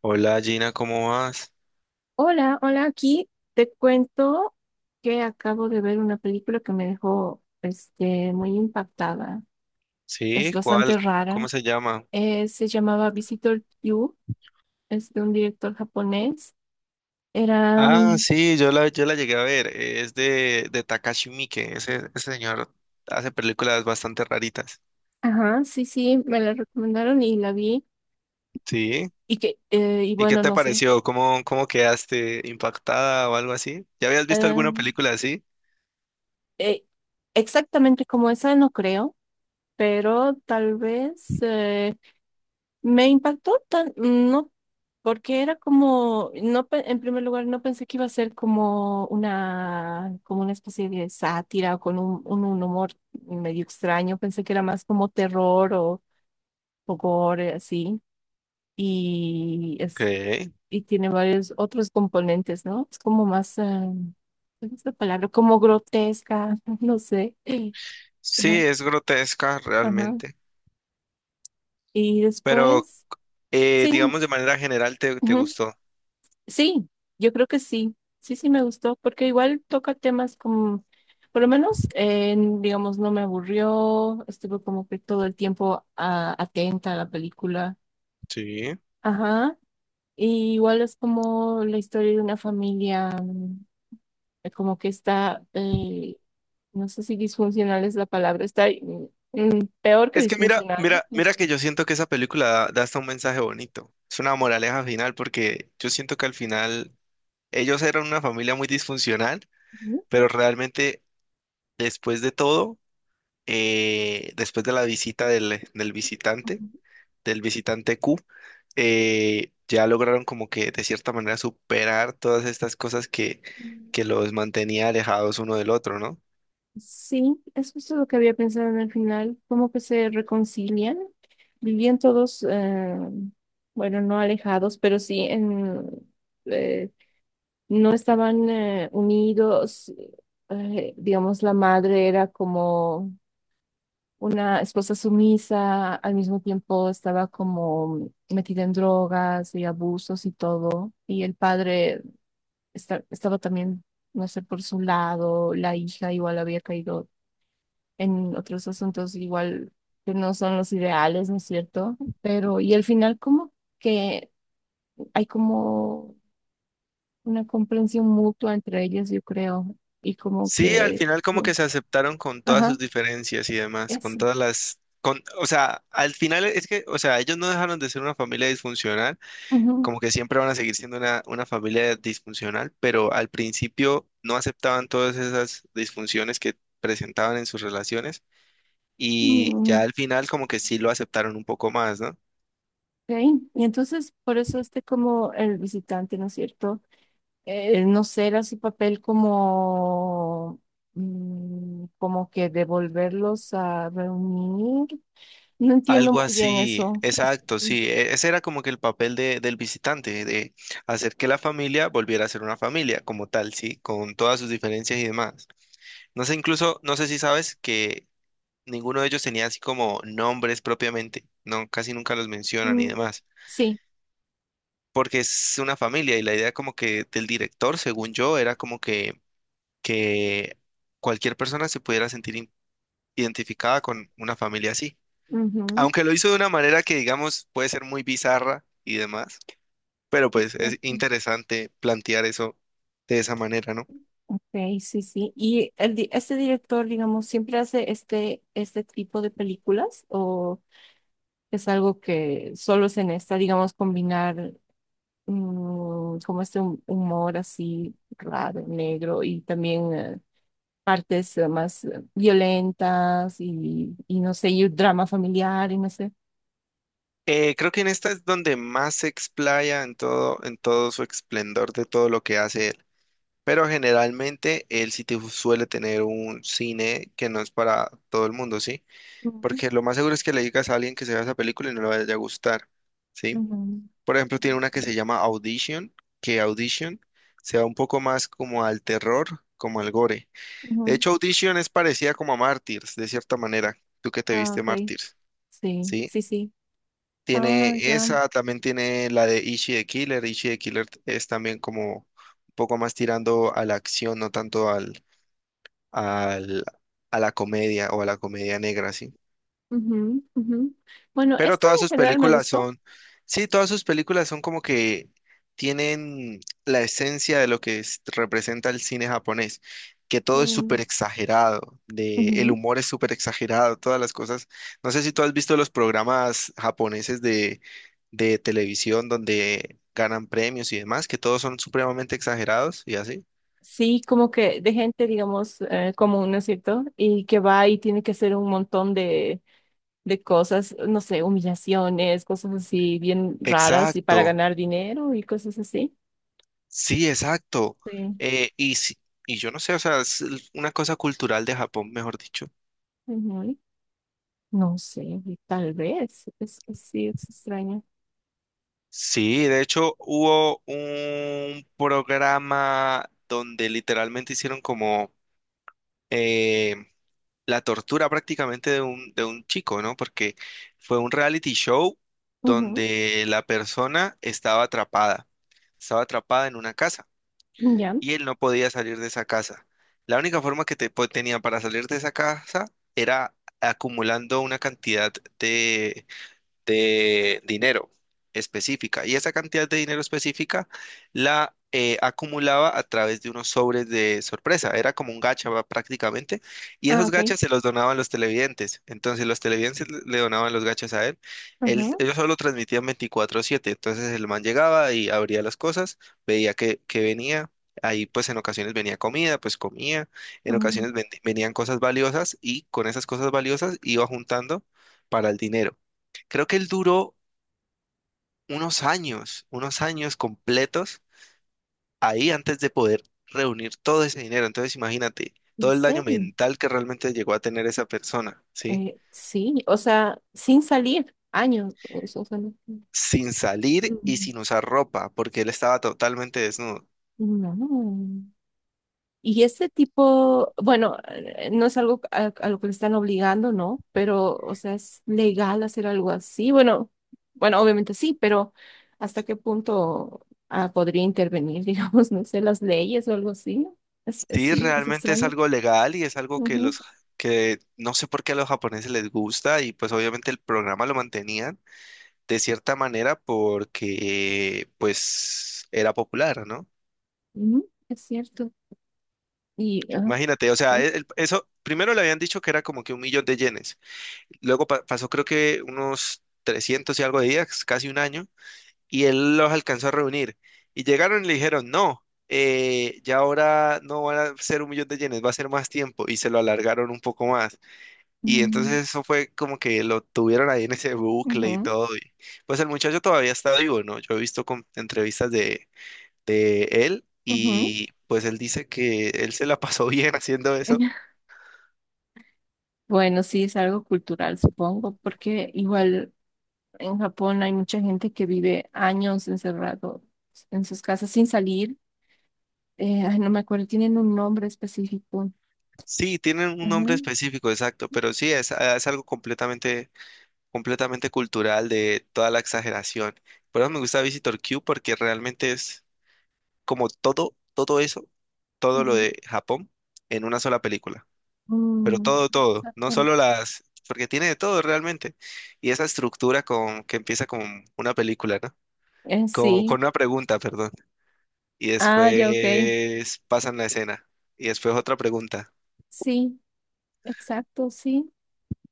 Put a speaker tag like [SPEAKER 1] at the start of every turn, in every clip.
[SPEAKER 1] Hola Gina, ¿cómo vas?
[SPEAKER 2] Hola, hola, aquí te cuento que acabo de ver una película que me dejó muy impactada. Es
[SPEAKER 1] Sí, ¿cuál?
[SPEAKER 2] bastante rara.
[SPEAKER 1] ¿Cómo se llama?
[SPEAKER 2] Se llamaba Visitor You, es de un director japonés. Era,
[SPEAKER 1] Ah,
[SPEAKER 2] mm,
[SPEAKER 1] sí, yo la llegué a ver. Es de Takashi Miike. Ese señor hace películas bastante raritas.
[SPEAKER 2] ajá, sí, sí, me la recomendaron y la vi. Y,
[SPEAKER 1] Sí.
[SPEAKER 2] y
[SPEAKER 1] ¿Y qué
[SPEAKER 2] bueno,
[SPEAKER 1] te
[SPEAKER 2] no sé.
[SPEAKER 1] pareció? ¿Cómo quedaste impactada o algo así? ¿Ya habías visto
[SPEAKER 2] Ah,
[SPEAKER 1] alguna película así?
[SPEAKER 2] eh, exactamente como esa no creo, pero tal vez. Me impactó tan, no, porque era como, no, pe- en primer lugar, no pensé que iba a ser como como una especie de sátira o con un humor medio extraño. Pensé que era más como terror o gore, así. Y
[SPEAKER 1] Ok.
[SPEAKER 2] es, y tiene varios otros componentes, ¿no? Es como más, ¿cuál es la palabra? Como grotesca, no sé.
[SPEAKER 1] Sí,
[SPEAKER 2] Ajá.
[SPEAKER 1] es grotesca
[SPEAKER 2] Ajá.
[SPEAKER 1] realmente.
[SPEAKER 2] Y
[SPEAKER 1] Pero,
[SPEAKER 2] después, sí.
[SPEAKER 1] digamos, de manera general, ¿te gustó?
[SPEAKER 2] Sí, yo creo que sí, sí, sí me gustó, porque igual toca temas como, por lo menos, digamos, no me aburrió, estuve como que todo el tiempo atenta a la película.
[SPEAKER 1] Sí.
[SPEAKER 2] Ajá, y igual es como la historia de una familia, como que está, no sé si disfuncional es la palabra, está peor que
[SPEAKER 1] Es que mira,
[SPEAKER 2] disfuncional,
[SPEAKER 1] mira,
[SPEAKER 2] no
[SPEAKER 1] mira
[SPEAKER 2] sé.
[SPEAKER 1] que yo siento que esa película da hasta un mensaje bonito. Es una moraleja final porque yo siento que al final ellos eran una familia muy disfuncional,
[SPEAKER 2] Ujú.
[SPEAKER 1] pero realmente después de todo, después de la visita del visitante, del visitante Q, ya lograron como que de cierta manera superar todas estas cosas
[SPEAKER 2] Ujú.
[SPEAKER 1] que los mantenía alejados uno del otro, ¿no?
[SPEAKER 2] Sí, es justo lo que había pensado en el final, como que se reconcilian. Vivían todos, bueno, no alejados, pero sí en, eh, no estaban unidos. Digamos, la madre era como una esposa sumisa, al mismo tiempo estaba como metida en drogas y abusos y todo. Y el padre estaba también, no sé, por su lado, la hija igual había caído en otros asuntos igual que no son los ideales, ¿no es cierto? Pero, y al final como que hay como una comprensión mutua entre ellos, yo creo, y como
[SPEAKER 1] Sí, al
[SPEAKER 2] que,
[SPEAKER 1] final como que
[SPEAKER 2] su-
[SPEAKER 1] se aceptaron con todas sus
[SPEAKER 2] ajá,
[SPEAKER 1] diferencias y demás, con
[SPEAKER 2] eso.
[SPEAKER 1] todas las, con, o sea, al final es que, o sea, ellos no dejaron de ser una familia disfuncional,
[SPEAKER 2] Ujú,
[SPEAKER 1] como que siempre van a seguir siendo una familia disfuncional, pero al principio no aceptaban todas esas disfunciones que presentaban en sus relaciones y
[SPEAKER 2] mm,
[SPEAKER 1] ya al final como que sí lo aceptaron un poco más, ¿no?
[SPEAKER 2] ok. Y entonces, por eso este como el visitante, ¿no es cierto? No será su papel como... como que devolverlos a reunir. No entiendo
[SPEAKER 1] Algo
[SPEAKER 2] muy bien
[SPEAKER 1] así,
[SPEAKER 2] eso.
[SPEAKER 1] exacto, sí. Ese era como que el papel de, del visitante, de hacer que la familia volviera a ser una familia como tal, sí, con todas sus diferencias y demás. No sé, incluso, no sé si sabes que ninguno de ellos tenía así como nombres propiamente, no, casi nunca los mencionan y
[SPEAKER 2] Mm,
[SPEAKER 1] demás,
[SPEAKER 2] sí,
[SPEAKER 1] porque es una familia y la idea como que del director, según yo, era como que cualquier persona se pudiera sentir identificada con una familia así.
[SPEAKER 2] ujú,
[SPEAKER 1] Aunque lo hizo de una manera que, digamos, puede ser muy bizarra y demás, pero
[SPEAKER 2] es
[SPEAKER 1] pues es
[SPEAKER 2] cierto.
[SPEAKER 1] interesante plantear eso de esa manera, ¿no?
[SPEAKER 2] Ok, sí, sí. ¿Y el, este director, digamos, siempre hace este, este tipo de películas o es algo que solo se necesita, digamos, combinar como este humor así raro, negro y también partes más violentas y no sé, y un drama familiar y no sé?
[SPEAKER 1] Creo que en esta es donde más se explaya en todo su esplendor de todo lo que hace él. Pero generalmente él suele tener un cine que no es para todo el mundo, ¿sí?
[SPEAKER 2] Ujú,
[SPEAKER 1] Porque lo más seguro es que le digas a alguien que se vea esa película y no le vaya a gustar, ¿sí?
[SPEAKER 2] ujú,
[SPEAKER 1] Por ejemplo, tiene una que
[SPEAKER 2] ujú.
[SPEAKER 1] se llama Audition, que Audition se va un poco más como al terror, como al gore. De
[SPEAKER 2] Ujú.
[SPEAKER 1] hecho, Audition es parecida como a Mártires, de cierta manera. ¿Tú que te
[SPEAKER 2] Ah,
[SPEAKER 1] viste
[SPEAKER 2] ok,
[SPEAKER 1] Mártires?
[SPEAKER 2] sí,
[SPEAKER 1] ¿Sí?
[SPEAKER 2] sí, sí. Ah,
[SPEAKER 1] Tiene
[SPEAKER 2] ya.
[SPEAKER 1] esa, también tiene la de Ishi the Killer. Ishi the Killer es también como un poco más tirando a la acción, no tanto al, al, a la comedia o a la comedia negra, ¿sí?
[SPEAKER 2] Ujú, ujú. Bueno,
[SPEAKER 1] Pero
[SPEAKER 2] esto
[SPEAKER 1] todas
[SPEAKER 2] en
[SPEAKER 1] sus
[SPEAKER 2] general me
[SPEAKER 1] películas
[SPEAKER 2] gustó.
[SPEAKER 1] son, sí, todas sus películas son como que tienen la esencia de lo que representa el cine japonés, que todo es súper
[SPEAKER 2] Mm,
[SPEAKER 1] exagerado, de, el
[SPEAKER 2] ujú.
[SPEAKER 1] humor es súper exagerado, todas las cosas. No sé si tú has visto los programas japoneses de televisión donde ganan premios y demás, que todos son supremamente exagerados y así.
[SPEAKER 2] Sí, como que de gente, digamos, común, ¿no es cierto? Y que va y tiene que hacer un montón de cosas, no sé, humillaciones, cosas así bien raras y para
[SPEAKER 1] Exacto,
[SPEAKER 2] ganar dinero y cosas así.
[SPEAKER 1] sí, exacto.
[SPEAKER 2] Sí.
[SPEAKER 1] Eh, y, si- y yo no sé, o sea, es una cosa cultural de Japón, mejor dicho.
[SPEAKER 2] Ujú. No sé, y tal vez. Sí, es extraño.
[SPEAKER 1] Sí, de hecho hubo un programa donde literalmente hicieron como eh, la tortura prácticamente de un chico, ¿no? Porque fue un reality show
[SPEAKER 2] Ujú,
[SPEAKER 1] donde la persona estaba atrapada en una casa
[SPEAKER 2] ya.
[SPEAKER 1] y él no podía salir de esa casa. La única forma que tenía para salir de esa casa era acumulando una cantidad de dinero específica. Y esa cantidad de dinero específica la acumulaba a través de unos sobres de sorpresa. Era como un gacha va, prácticamente. Y
[SPEAKER 2] Ah,
[SPEAKER 1] esos
[SPEAKER 2] ok.
[SPEAKER 1] gachas se los donaban los televidentes. Entonces los televidentes le donaban los gachas a él.
[SPEAKER 2] Ajá.
[SPEAKER 1] Ellos solo transmitían 24/7. Entonces el man llegaba y abría las cosas, veía que venía. Ahí pues en ocasiones venía comida, pues comía, en
[SPEAKER 2] Ah,
[SPEAKER 1] ocasiones venían cosas valiosas y con esas cosas valiosas iba juntando para el dinero. Creo que él duró unos años completos ahí antes de poder reunir todo ese dinero. Entonces imagínate todo
[SPEAKER 2] ¿en
[SPEAKER 1] el daño
[SPEAKER 2] serio?
[SPEAKER 1] mental que realmente llegó a tener esa persona, ¿sí?
[SPEAKER 2] Sí, o sea, sin salir, años. O sea, no-
[SPEAKER 1] Sin salir y sin usar ropa, porque él estaba totalmente desnudo.
[SPEAKER 2] Mm, no. Y este tipo, bueno, no es algo a lo que le están obligando, ¿no? Pero, o sea, es legal hacer algo así. Bueno, bueno, obviamente sí, pero ¿hasta qué punto podría intervenir, digamos, no sé, las leyes o algo así?
[SPEAKER 1] Sí,
[SPEAKER 2] Sí, es
[SPEAKER 1] realmente es
[SPEAKER 2] extraño.
[SPEAKER 1] algo legal y es algo que
[SPEAKER 2] Ujú,
[SPEAKER 1] los que no sé por qué a los japoneses les gusta y pues obviamente el programa lo mantenían de cierta manera porque pues era popular, ¿no?
[SPEAKER 2] ujú, es cierto. Y, ah,
[SPEAKER 1] Imagínate, o sea,
[SPEAKER 2] ay,
[SPEAKER 1] eso primero le habían dicho que era como que 1.000.000 de yenes. Luego pasó creo que unos 300 y algo de días, casi un año, y él los alcanzó a reunir. Y llegaron y le dijeron, no, ya ahora no van a ser 1.000.000 de yenes, va a ser más tiempo. Y se lo alargaron un poco más. Y entonces
[SPEAKER 2] mm,
[SPEAKER 1] eso fue como que lo tuvieron ahí en ese bucle y
[SPEAKER 2] ujú,
[SPEAKER 1] todo. Pues el muchacho todavía está vivo, ¿no? Yo he visto entrevistas de él.
[SPEAKER 2] ujú.
[SPEAKER 1] Y pues él dice que él se la pasó bien haciendo eso.
[SPEAKER 2] Bueno, sí, es algo cultural, supongo, porque igual en Japón hay mucha gente que vive años encerrado en sus casas sin salir. Ay, no me acuerdo, tienen un nombre específico.
[SPEAKER 1] Sí, tienen un
[SPEAKER 2] Ajá.
[SPEAKER 1] nombre específico, exacto, pero sí, es, ah, es algo completamente, completamente cultural de toda la exageración. Por eso me gusta Visitor Q porque realmente es como todo, todo eso, todo lo
[SPEAKER 2] Mm,
[SPEAKER 1] de Japón en una sola película. Pero
[SPEAKER 2] mm,
[SPEAKER 1] todo, todo, no
[SPEAKER 2] exacto.
[SPEAKER 1] solo las, porque tiene de todo realmente. Y esa estructura con, que empieza con una película, ¿no? Con
[SPEAKER 2] Sí.
[SPEAKER 1] una pregunta, perdón. Y
[SPEAKER 2] Ah, ya, ok.
[SPEAKER 1] después pasan la escena. Y después otra pregunta.
[SPEAKER 2] Sí, exacto, sí.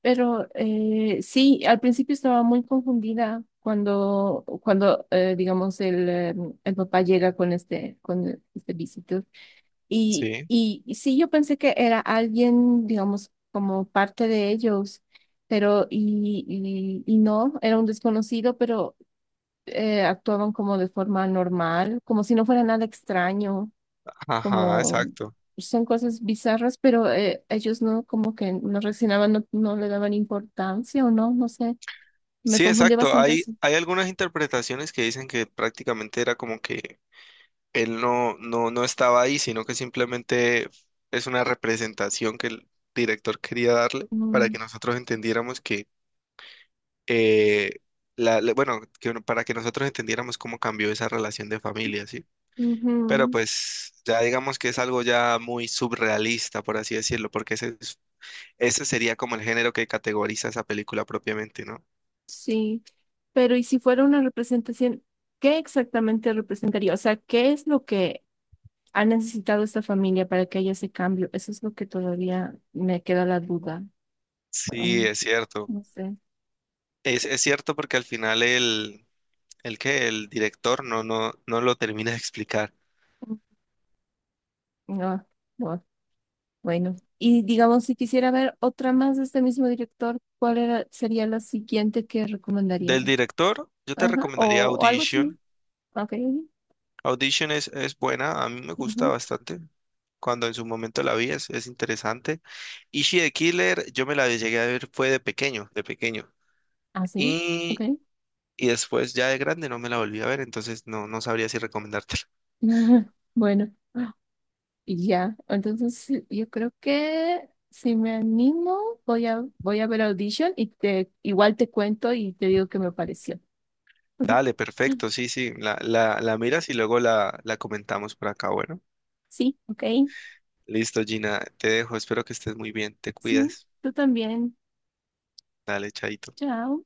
[SPEAKER 2] Pero sí, al principio estaba muy confundida cuando digamos, el papá llega con este visito. Y,
[SPEAKER 1] Sí.
[SPEAKER 2] y, y sí, yo pensé que era alguien, digamos, como parte de ellos, pero no, era un desconocido, pero actuaban como de forma normal, como si no fuera nada extraño,
[SPEAKER 1] Ajá,
[SPEAKER 2] como
[SPEAKER 1] exacto.
[SPEAKER 2] son cosas bizarras, pero ellos no, como que no reaccionaban, no, no le daban importancia o no, no sé, me
[SPEAKER 1] Sí,
[SPEAKER 2] confundió
[SPEAKER 1] exacto.
[SPEAKER 2] bastante
[SPEAKER 1] Hay,
[SPEAKER 2] eso.
[SPEAKER 1] hay algunas interpretaciones que dicen que prácticamente era como que él no estaba ahí, sino que simplemente es una representación que el director quería darle para
[SPEAKER 2] Mm,
[SPEAKER 1] que nosotros entendiéramos que, eh, bueno, para que nosotros entendiéramos cómo cambió esa relación de familia, ¿sí? Pero
[SPEAKER 2] ujú.
[SPEAKER 1] pues ya digamos que es algo ya muy surrealista por así decirlo, porque ese sería como el género que categoriza esa película propiamente, ¿no?
[SPEAKER 2] Sí, pero ¿y si fuera una representación, qué exactamente representaría? O sea, ¿qué es lo que ha necesitado esta familia para que haya ese cambio? Eso es lo que todavía me queda la duda. Ah,
[SPEAKER 1] Sí, es cierto.
[SPEAKER 2] no sé.
[SPEAKER 1] Es cierto porque al final el que el director no lo termina de explicar.
[SPEAKER 2] No, no, bueno. Y digamos, si quisiera ver otra más de este mismo director, sería la siguiente que
[SPEAKER 1] Del
[SPEAKER 2] recomendaría?
[SPEAKER 1] director, yo te
[SPEAKER 2] Ajá,
[SPEAKER 1] recomendaría
[SPEAKER 2] o algo similar.
[SPEAKER 1] Audition.
[SPEAKER 2] Ok.
[SPEAKER 1] Audition es buena, a mí me gusta
[SPEAKER 2] Ujú,
[SPEAKER 1] bastante. Cuando en su momento la vi, es interesante. Ishi the Killer, yo me la llegué a ver, fue de pequeño, de pequeño.
[SPEAKER 2] así, ok.
[SPEAKER 1] Y, y después ya de grande no me la volví a ver, entonces no, no sabría si recomendártela.
[SPEAKER 2] Bueno. Y ya, entonces sí, yo creo que si me animo, voy a ver Audition y te, igual te cuento y te digo qué me pareció.
[SPEAKER 1] Dale, perfecto, sí, sí, la miras y luego la comentamos por acá, bueno.
[SPEAKER 2] Sí, ok,
[SPEAKER 1] Listo, Gina, te dejo, espero que estés muy bien, te
[SPEAKER 2] sí,
[SPEAKER 1] cuidas.
[SPEAKER 2] tú también.
[SPEAKER 1] Dale, chaito.
[SPEAKER 2] Chao.